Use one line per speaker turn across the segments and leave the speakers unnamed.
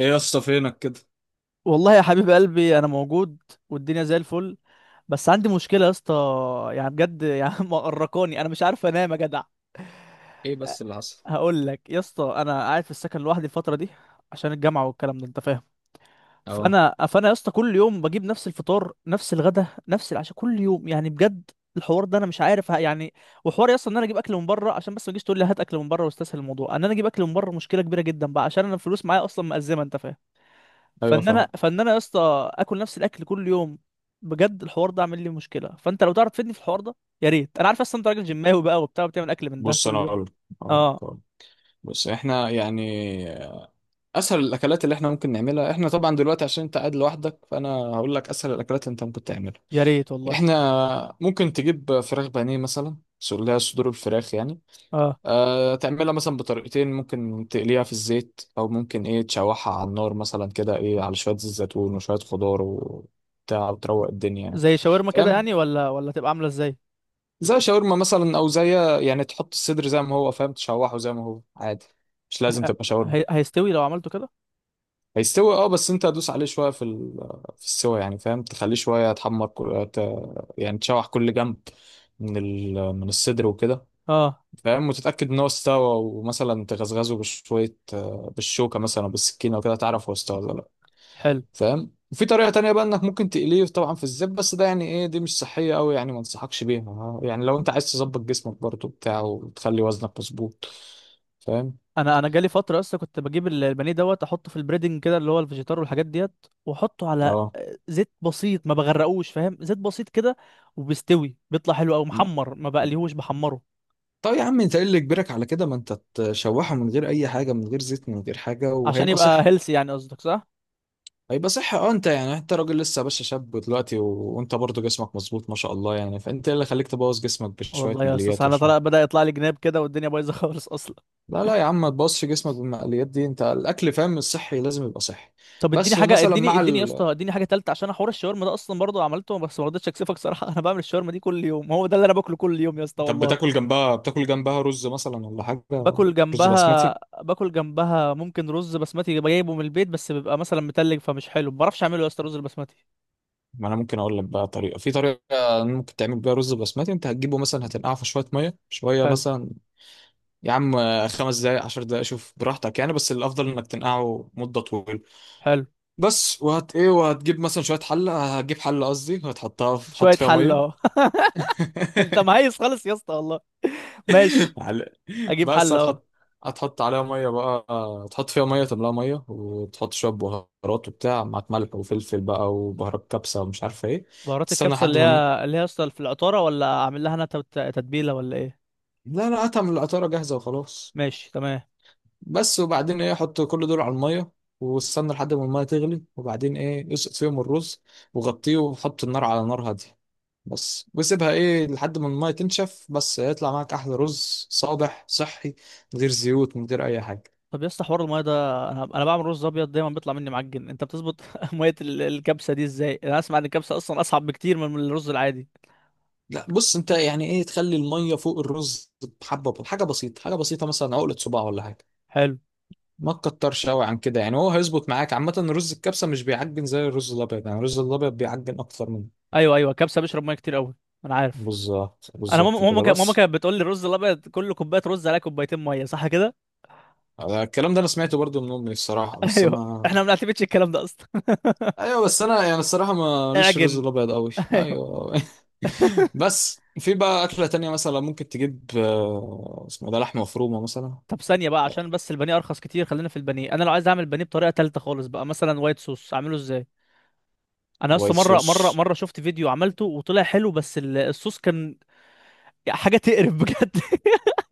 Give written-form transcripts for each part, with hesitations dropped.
ايه يا اسطى، فينك كده؟
والله يا حبيب قلبي انا موجود، والدنيا زي الفل. بس عندي مشكله يا اسطى، يعني بجد، مقرقاني، انا مش عارف انام يا جدع.
ايه بس اللي حصل؟
هقول لك يا اسطى، انا قاعد في السكن لوحدي الفتره دي عشان الجامعه والكلام ده، انت فاهم.
اه.
فانا يا اسطى كل يوم بجيب نفس الفطار، نفس الغدا، نفس العشاء، كل يوم يعني بجد. الحوار ده انا مش عارف يعني. وحوار يا اسطى ان انا اجيب اكل من بره، عشان بس ما تجيش تقول لي هات اكل من بره واستسهل الموضوع ان انا اجيب اكل من بره، مشكله كبيره جدا بقى عشان انا الفلوس معايا اصلا مأزمه، انت فاهم.
ايوه،
فان
فاهم.
انا فان انا يا اسطى اكل نفس الاكل كل يوم. بجد الحوار ده عامل لي مشكله، فانت لو تعرف تفيدني في الحوار ده يا ريت. انا عارف اصلا انت راجل جماوي بقى وبتاع وبتعمل اكل من ده
بص انا
كل يوم.
اقول لك.
اه،
أقول لك. بص احنا يعني اسهل الاكلات اللي احنا ممكن نعملها احنا طبعا دلوقتي، عشان انت قاعد لوحدك، فانا هقول لك اسهل الاكلات اللي انت ممكن تعملها.
يا ريت والله.
احنا ممكن تجيب فراخ بانيه مثلا، اللي هي صدور الفراخ يعني.
اه،
أه، تعملها مثلا بطريقتين. ممكن تقليها في الزيت، او ممكن ايه تشوحها على النار مثلا كده، ايه، على شويه زيت زيتون وشويه خضار وبتاع، وتروق الدنيا يعني.
زي شاورما كده
فاهم؟
يعني، ولا تبقى عامله ازاي؟
زي شاورما مثلا، او زي يعني تحط الصدر زي ما هو، فاهم، تشوحه زي ما هو عادي. مش لازم
ه-
تبقى شاورما.
هيستوي لو عملته كده؟
هيستوي اه، بس انت هتدوس عليه شويه في السوا يعني، فاهم، تخليه شويه يتحمر، يعني تشوح كل جنب، من الصدر وكده.
اه،
فاهم؟ وتتاكد ان هو استوى، ومثلا تغزغزه بشويه، بالشوكه مثلا أو بالسكينه، وكده تعرف هو استوى ولا.
حلو.
فاهم؟ وفي طريقة تانية بقى، انك ممكن تقليه طبعا في الزيت، بس ده يعني، ايه، دي مش صحية قوي يعني، ما انصحكش بيها يعني، لو انت عايز تظبط جسمك برضه بتاع وتخلي وزنك مظبوط. فاهم؟
انا جالي فتره اصلا كنت بجيب البانيه دوت احطه في البريدنج كده، اللي هو الفيجيتار والحاجات ديت، واحطه على
اه.
زيت بسيط، ما بغرقوش فاهم، زيت بسيط كده. وبيستوي بيطلع حلو او
لا.
محمر، ما بقليهوش بحمره.
طب يا عم، انت ايه اللي يجبرك على كده؟ ما انت تشوحه من غير اي حاجة، من غير زيت من غير حاجة،
عشان
وهيبقى
يبقى
صحي.
هيلسي يعني قصدك، صح؟
هيبقى صحي اه. انت يعني انت راجل لسه يا باشا، شاب دلوقتي وانت برضه جسمك مظبوط ما شاء الله يعني، فانت ايه اللي خليك تبوظ جسمك بشوية
والله يا استاذ،
مقليات
انا طلع
وشوية؟
بدأ يطلع لي جناب كده والدنيا بايظه خالص اصلا.
لا لا يا عم، ما تبصش جسمك بالمقليات دي. انت الاكل، فاهم، الصحي لازم يبقى صحي.
طب اديني
بس،
حاجه،
ومثلا
اديني
مع
اديني يا اسطى اديني حاجه تالته، عشان حوار الشاورما ده اصلا برضه عملته بس ما رضيتش اكسفك صراحه انا بعمل الشاورما دي كل يوم، هو ده اللي انا باكله كل يوم يا اسطى
طب
والله.
بتاكل جنبها رز مثلا ولا حاجه؟
باكل
رز
جنبها،
بسمتي.
باكل جنبها ممكن رز بسمتي جايبه من البيت، بس بيبقى مثلا متلج فمش حلو، ما بعرفش اعمله يا اسطى رز البسمتي.
ما انا ممكن اقول لك بقى طريقه، في طريقه ممكن تعمل بيها رز بسمتي. انت هتجيبه مثلا، هتنقعه في شويه ميه، شويه
حلو.
مثلا. يا عم، 5 دقائق 10 دقائق، شوف براحتك يعني، بس الافضل انك تنقعه مده طويله.
حلو.
بس، وهت ايه، وهتجيب مثلا شويه حله، هتجيب حله قصدي، هتحطها في... حط
شويه
فيها
حله
ميه.
اهو. انت مهيس خالص يا اسطى والله. ماشي،
على-
اجيب
بس
حله اهو.
هتحط، هتحط عليها ميه بقى. تحط فيها ميه، تملاها ميه، وتحط شويه بهارات وبتاع معاك، ملح وفلفل بقى، وبهارات كبسه ومش عارفه ايه.
بهارات
تستنى
الكبسة
لحد
اللي
ما الم-
هي اللي هي اصلا في العطارة، ولا اعمل لها انا تتبيلة ولا ايه؟
لا لا، هاتها من القطاره جاهزه وخلاص.
ماشي، تمام.
بس، وبعدين ايه، حط كل دول على الميه، واستنى لحد ما الميه تغلي، وبعدين ايه اسقط فيهم الرز، وغطيه، وحط النار على نار هاديه. بس وسيبها ايه لحد ما الميه تنشف، بس هيطلع معاك احلى رز، صابح صحي، من غير زيوت، من غير اي حاجه.
طب يا اسطى حوار الميه ده، انا بعمل رز ابيض دايما بيطلع مني معجن، انت بتظبط ميه الكبسه دي ازاي؟ انا اسمع ان الكبسه اصلا اصعب بكتير من الرز العادي.
لا. بص انت يعني، ايه، تخلي الميه فوق الرز بحبه، بحاجه بسيطه، حاجه بسيطه مثلا عقله صباع ولا حاجه.
حلو.
ما تكترش قوي عن كده يعني، هو هيظبط معاك عامه. رز الكبسه مش بيعجن زي الرز الابيض، يعني الرز الابيض بيعجن اكتر منه.
ايوه، ايوه، الكبسه بيشرب ميه كتير قوي، انا عارف.
بالظبط
انا ماما
بالظبط
ماما
كده،
كان- ماما
بس.
كانت بتقول لي الرز الابيض كل كوبايه رز عليها كوبايتين ميه، صح كده؟
الكلام ده انا سمعته برضو من امي الصراحه، بس
ايوه،
ما
احنا ما بنعتمدش الكلام ده اصلا.
ايوه. بس انا يعني الصراحه ما ليش الرز
اعجن.
الابيض قوي،
ايوه.
ايوه. بس في بقى اكله تانية مثلا، ممكن تجيب، اسمه ده، لحمه مفرومه مثلا.
طب ثانية بقى، عشان بس البانيه أرخص كتير خلينا في البانيه. أنا لو عايز أعمل بانيه بطريقة تالتة خالص بقى مثلا وايت صوص، أعمله إزاي؟ أنا
وايت
أصلا مرة مرة
صوص.
مرة شفت فيديو عملته وطلع حلو، بس الصوص كان حاجة تقرف بجد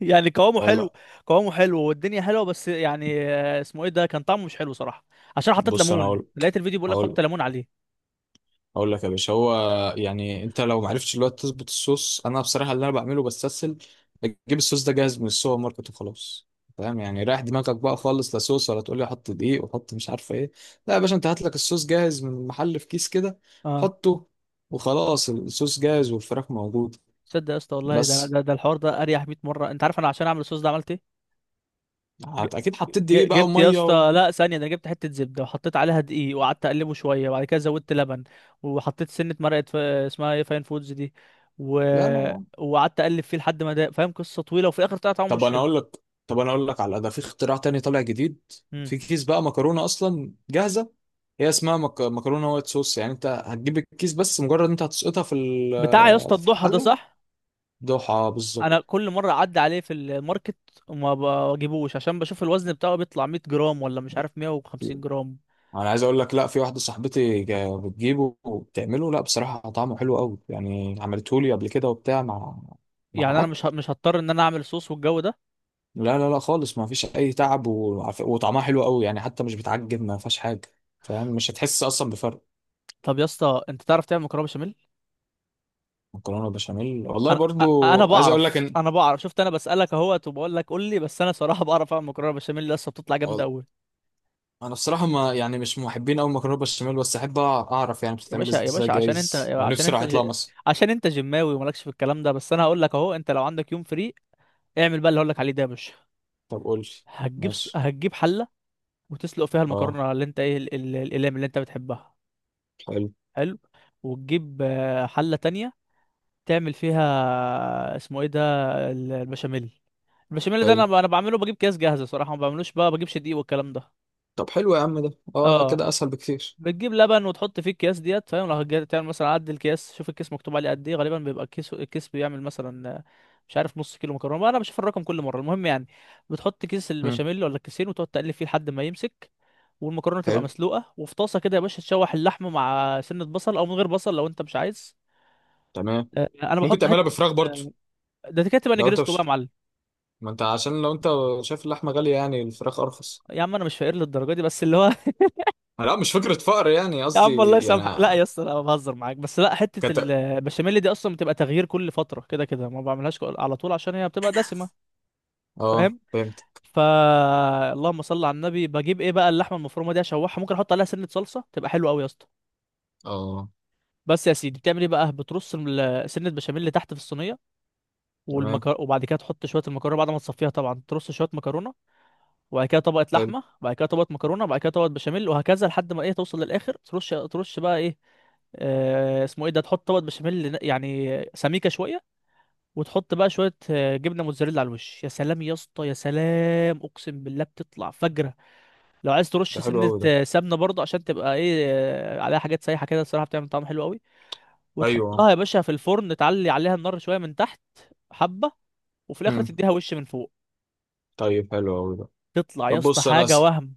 يعني قوامه حلو، قوامه حلو والدنيا حلوة، بس يعني اسمه إيه ده، كان طعمه مش حلو صراحة، عشان حطيت
بص انا
ليمون،
اقول
لقيت الفيديو بيقول لك حط
هقول
ليمون عليه.
هقول لك يا باشا. هو يعني انت لو ما عرفتش الوقت تظبط الصوص، انا بصراحه اللي انا بعمله بستسهل، اجيب الصوص ده جاهز من السوبر ماركت وخلاص. فاهم يعني؟ رايح دماغك بقى خالص، لا صوص ولا تقول لي حط دقيق وحط مش عارفه ايه. لا يا باشا، انت هات لك الصوص جاهز من المحل في كيس كده،
أه.
حطه وخلاص، الصوص جاهز والفراخ موجوده.
تصدق يا اسطى والله، ده
بس
ده الحوار ده أريح 100 مرة. أنت عارف أنا عشان أعمل الصوص ده عملت إيه؟ ج-
اكيد حطيت دقيق بقى
جبت يا
وميه و...
اسطى، لا ثانيه، ده انا جبت حته زبده وحطيت عليها دقيق وقعدت اقلبه شويه، وبعد كده زودت لبن، وحطيت سنه مرقه ف... اسمها ايه، فاين فودز دي. و...
لا لا يا عم.
وقعدت اقلب فيه لحد ما، ده فاهم قصه طويله، وفي الاخر طلع طعمه
طب
مش
انا
حلو.
اقول لك طب انا اقول لك على ده، في اختراع تاني طالع جديد،
مم.
في كيس بقى مكرونه اصلا جاهزه. هي اسمها مكرونه وايت صوص، يعني انت هتجيب الكيس بس، مجرد انت هتسقطها في
بتاع يا اسطى
في
الضحى ده،
الحله.
صح.
دوحه
انا
بالظبط.
كل مره اعدي عليه في الماركت وما بجيبوش، عشان بشوف الوزن بتاعه بيطلع 100 جرام ولا مش عارف 150 جرام
انا عايز اقول لك، لا، في واحده صاحبتي بتجيبه وبتعمله، لا بصراحه طعمه حلو قوي يعني، عملته لي قبل كده وبتاع مع
يعني. انا
اكل.
مش هضطر ان انا اعمل صوص والجو ده.
لا لا لا خالص، ما فيش اي تعب وطعمها حلو قوي يعني، حتى مش بتعجب ما فيهاش حاجه. فاهم، مش هتحس اصلا بفرق.
طب يا اسطى، انت تعرف تعمل مكرونه بشاميل؟
مكرونه بشاميل، والله
انا أ-
برضو
انا
عايز اقول لك
بعرف
ان
انا بعرف شفت، انا بسالك اهوت وبقول لك قول لي. بس انا صراحه بعرف اعمل مكرونه بشاميل، لسه بتطلع جامده
وال-
قوي.
انا بصراحه ما يعني مش محبين قوي مكرونه بشاميل، بس احب اعرف يعني
يا
بتتعمل
باشا يا
ازاي،
باشا، عشان انت
جايز لو نفسي راح اطلع مصر.
عشان انت جماوي ومالكش في الكلام ده. بس انا هقول لك اهو، انت لو عندك يوم فري اعمل بقى اللي هقول لك عليه ده يا باشا.
طب قول لي. ماشي.
هتجيب حله وتسلق فيها
اه.
المكرونه، اللي انت ايه الاقلام اللي انت بتحبها.
حلو.
حلو. وتجيب حله تانية، تعمل فيها اسمه ايه ده، البشاميل. البشاميل ده انا
حلو.
انا بعمله بجيب كيس جاهزه صراحه، ما بعملوش بقى، بجيبش دقيق والكلام ده.
طب حلو يا عم ده، اه
اه.
كده اسهل بكتير.
بتجيب لبن وتحط فيه الكياس ديت فاهم، لو تعمل مثلا عد الكياس، شوف الكيس مكتوب عليه قد ايه، غالبا بيبقى الكيس بيعمل مثلا مش عارف نص كيلو مكرونه، ما انا بشوف الرقم كل مره، المهم يعني. بتحط كيس
مم.
البشاميل ولا الكيسين وتقعد تقلب فيه لحد ما يمسك، والمكرونه تبقى
حلو.
مسلوقه. وفي طاسه كده يا باشا تشوح اللحمه مع سنه بصل، او من غير بصل لو انت مش عايز.
تمام.
انا
ممكن
بحط حته.
تعملها بفراخ برضو.
ده كده تبقى
لو انت
نجريسكو بقى
مش،
يا معلم.
ما انت عشان لو انت شايف اللحمه غاليه، يعني الفراخ ارخص.
يا عم انا مش فقير للدرجه دي، بس اللي هو.
لا مش فكره فقر يعني،
يا عم والله
قصدي يعني.
يسامحك، لا يا اسطى انا بهزر معاك، بس لا، حته
كت...
البشاميل دي اصلا بتبقى تغيير كل فتره كده، كده ما بعملهاش على طول عشان هي بتبقى دسمه،
اه
فاهم.
فهمت.
فا، اللهم صل على النبي. بجيب ايه بقى اللحمه المفرومه دي اشوحها، ممكن احط عليها سنه صلصه تبقى حلوه قوي يا اسطى.
اه.
بس يا سيدي، بتعمل ايه بقى، بترص سنه بشاميل اللي تحت في الصينيه،
تمام.
وبعد كده تحط شويه المكرونه بعد ما تصفيها طبعا، ترص شويه مكرونه، وبعد كده طبقه
حلو
لحمه، وبعد كده طبقه مكرونه، وبعد كده طبقه بشاميل، وهكذا لحد ما ايه توصل للاخر. ترش بقى ايه اسمه ايه ده، تحط طبقه بشاميل يعني سميكه شويه، وتحط بقى شويه جبنه موتزاريلا على الوش. يا سلام يا اسطى يا سلام، اقسم بالله بتطلع فجره. لو عايز
ده،
ترش
حلو
سنه
قوي ده.
سمنه برضه عشان تبقى ايه عليها حاجات سايحه كده، الصراحه بتعمل طعم حلو قوي.
ايوه.
وتحطها يا باشا في الفرن، تعلي عليها النار شويه من تحت حبه، وفي الاخر
امم.
تديها وش من فوق.
طيب حلو قوي ده.
تطلع يا
طب
اسطى
بص انا
حاجه
س...
وهم.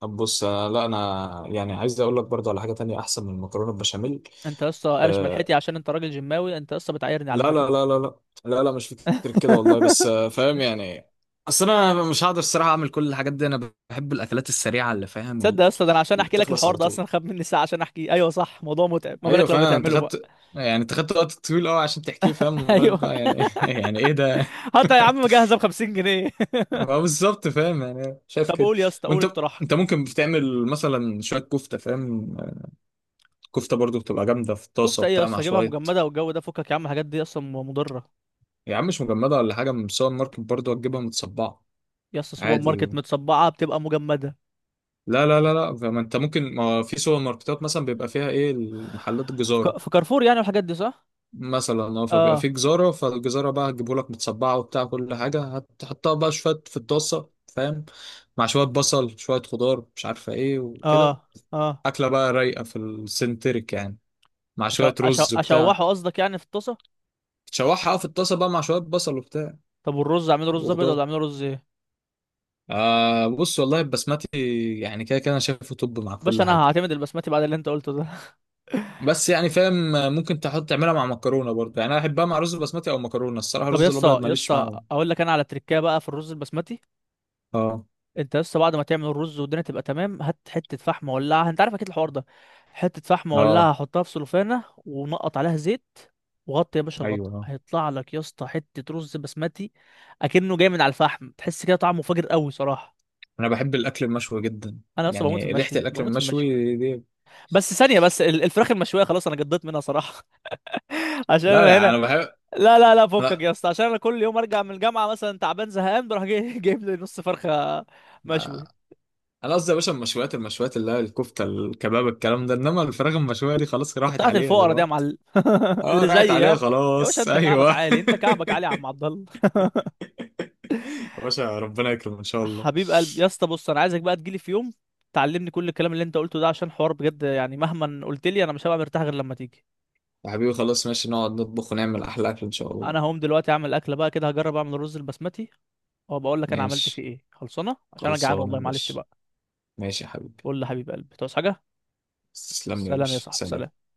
طب بص انا، لا، انا يعني عايز اقول لك برضه على حاجه تانية احسن من المكرونه البشاميل.
انت يا اسطى قارش ملحتي
آه...
عشان انت راجل جماوي، انت يا اسطى بتعايرني على
لا
فكره.
لا لا لا لا. لا لا مش، فكر كده والله، بس فاهم يعني. اصل انا مش هقدر الصراحه اعمل كل الحاجات دي، انا بحب الاكلات السريعه اللي فاهم،
تصدق يا اسطى، ده انا عشان
اللي
احكي لك
بتخلص
الحوار
على
ده
طول.
اصلا خد مني ساعه عشان احكيه، ايوه صح موضوع متعب، ما
ايوه
بالك لو
فعلا،
بتعمله بقى.
انت خدت وقت طويل قوي عشان تحكيه، فاهم، ما بالك
ايوه.
بقى يعني، يعني ايه ده.
حتى يا عم مجهزه ب 50 جنيه.
ما هو بالظبط، فاهم يعني، شايف
طب
كده.
قول يا اسطى، قول
وانت
اقتراحك.
ممكن بتعمل مثلا شويه كفته، فاهم. كفته برضو بتبقى جامده في طاسه
كفته ايه يا
بتاع مع
اسطى، اجيبها
شويه.
مجمده والجو ده، فكك يا عم الحاجات دي اصلا مضره.
يا عم مش مجمده ولا حاجه، من السوبر ماركت برضو هتجيبها متصبعه.
يا اسطى سوبر
عادي.
ماركت متصبعه بتبقى مجمده.
لا لا لا لا، فما انت ممكن، ما في سوبر ماركتات مثلا بيبقى فيها ايه، محلات
في
الجزاره
في كارفور يعني والحاجات دي، صح؟
مثلا. اه، فبيبقى
اه.
في جزاره، فالجزاره بقى هتجيبه لك متصبعه وبتاع، كل حاجه هتحطها بقى شويه في الطاسه، فاهم، مع شويه بصل شويه خضار مش عارفه ايه وكده.
اه. اه.
اكله بقى رايقه في السنتريك يعني، مع شوية رز وبتاع.
اشوحه قصدك يعني في الطاسه؟
تشوحها في الطاسة بقى مع شوية بصل وبتاع
طب والرز اعمله رز ابيض
وخضار.
ولا اعمله رز ايه؟
بص والله البسمتي يعني، كده كده انا شايفه، طب مع
باشا
كل
انا
حاجة،
هعتمد البسمتي بعد اللي انت قلته ده.
بس يعني فاهم. ممكن تحط تعملها مع مكرونة برضه يعني، انا احبها مع رز بسمتي او مكرونة الصراحة،
طب يا
الرز
اسطى،
الابيض ماليش معاه.
اقول لك انا على تريكايه بقى في الرز البسمتي.
اه.
انت بس بعد ما تعمل الرز والدنيا تبقى تمام، هات حته فحم ولعها، انت عارف اكيد الحوار ده. حته فحم
اه.
ولعها حطها في سلوفانه ونقط عليها زيت، وغطي يا باشا الغطا،
ايوه. اه.
هيطلع لك يا اسطى حته رز بسمتي اكنه جاي من على الفحم، تحس كده طعمه فاجر قوي صراحه.
انا بحب الاكل المشوي جدا،
انا اصلا بموت في
يعني ريحة
المشوي،
الاكل
بموت في المشوي.
المشوي دي.
بس ثانيه، بس الفراخ المشويه خلاص انا قضيت منها صراحه. عشان
لا
انا
لا
هنا.
انا بحب.
لا لا لا، فكك
لا.
يا اسطى، عشان انا كل يوم ارجع من الجامعه مثلا تعبان زهقان، بروح جايب لي نص فرخه
آه.
مشوي.
انا قصدي يا باشا المشويات، المشويات اللي هي الكفتة الكباب الكلام ده، انما الفراخ المشوية دي خلاص راحت
بتاعت
عليها
الفقرا دي يا
دلوقتي.
معلم،
اه،
اللي
راحت
زيي،
عليها
ها؟ يا باشا
خلاص،
انت كعبك
ايوه.
عالي، انت كعبك عالي يا عم عبد الله.
يا باشا ربنا يكرم ان شاء الله.
حبيب قلبي يا اسطى، بص انا عايزك بقى تجيلي في يوم تعلمني كل الكلام اللي انت قلته ده، عشان حوار بجد يعني مهما قلت لي انا مش هبقى مرتاح غير لما تيجي.
يا حبيبي خلاص، ماشي، نقعد نطبخ ونعمل احلى اكل ان شاء الله.
انا هقوم دلوقتي اعمل اكله بقى كده، هجرب اعمل الرز البسمتي وبقول لك انا عملت فيه
ماشي.
ايه. خلصانه عشان انا جعان
خلصانه يا
والله، معلش
باشا.
بقى.
ماشي يا حبيبي.
قول لي حبيب قلبي، تعوز حاجه؟
تسلم لي يا
سلام يا
باشا.
صاحبي،
سلام.
سلام.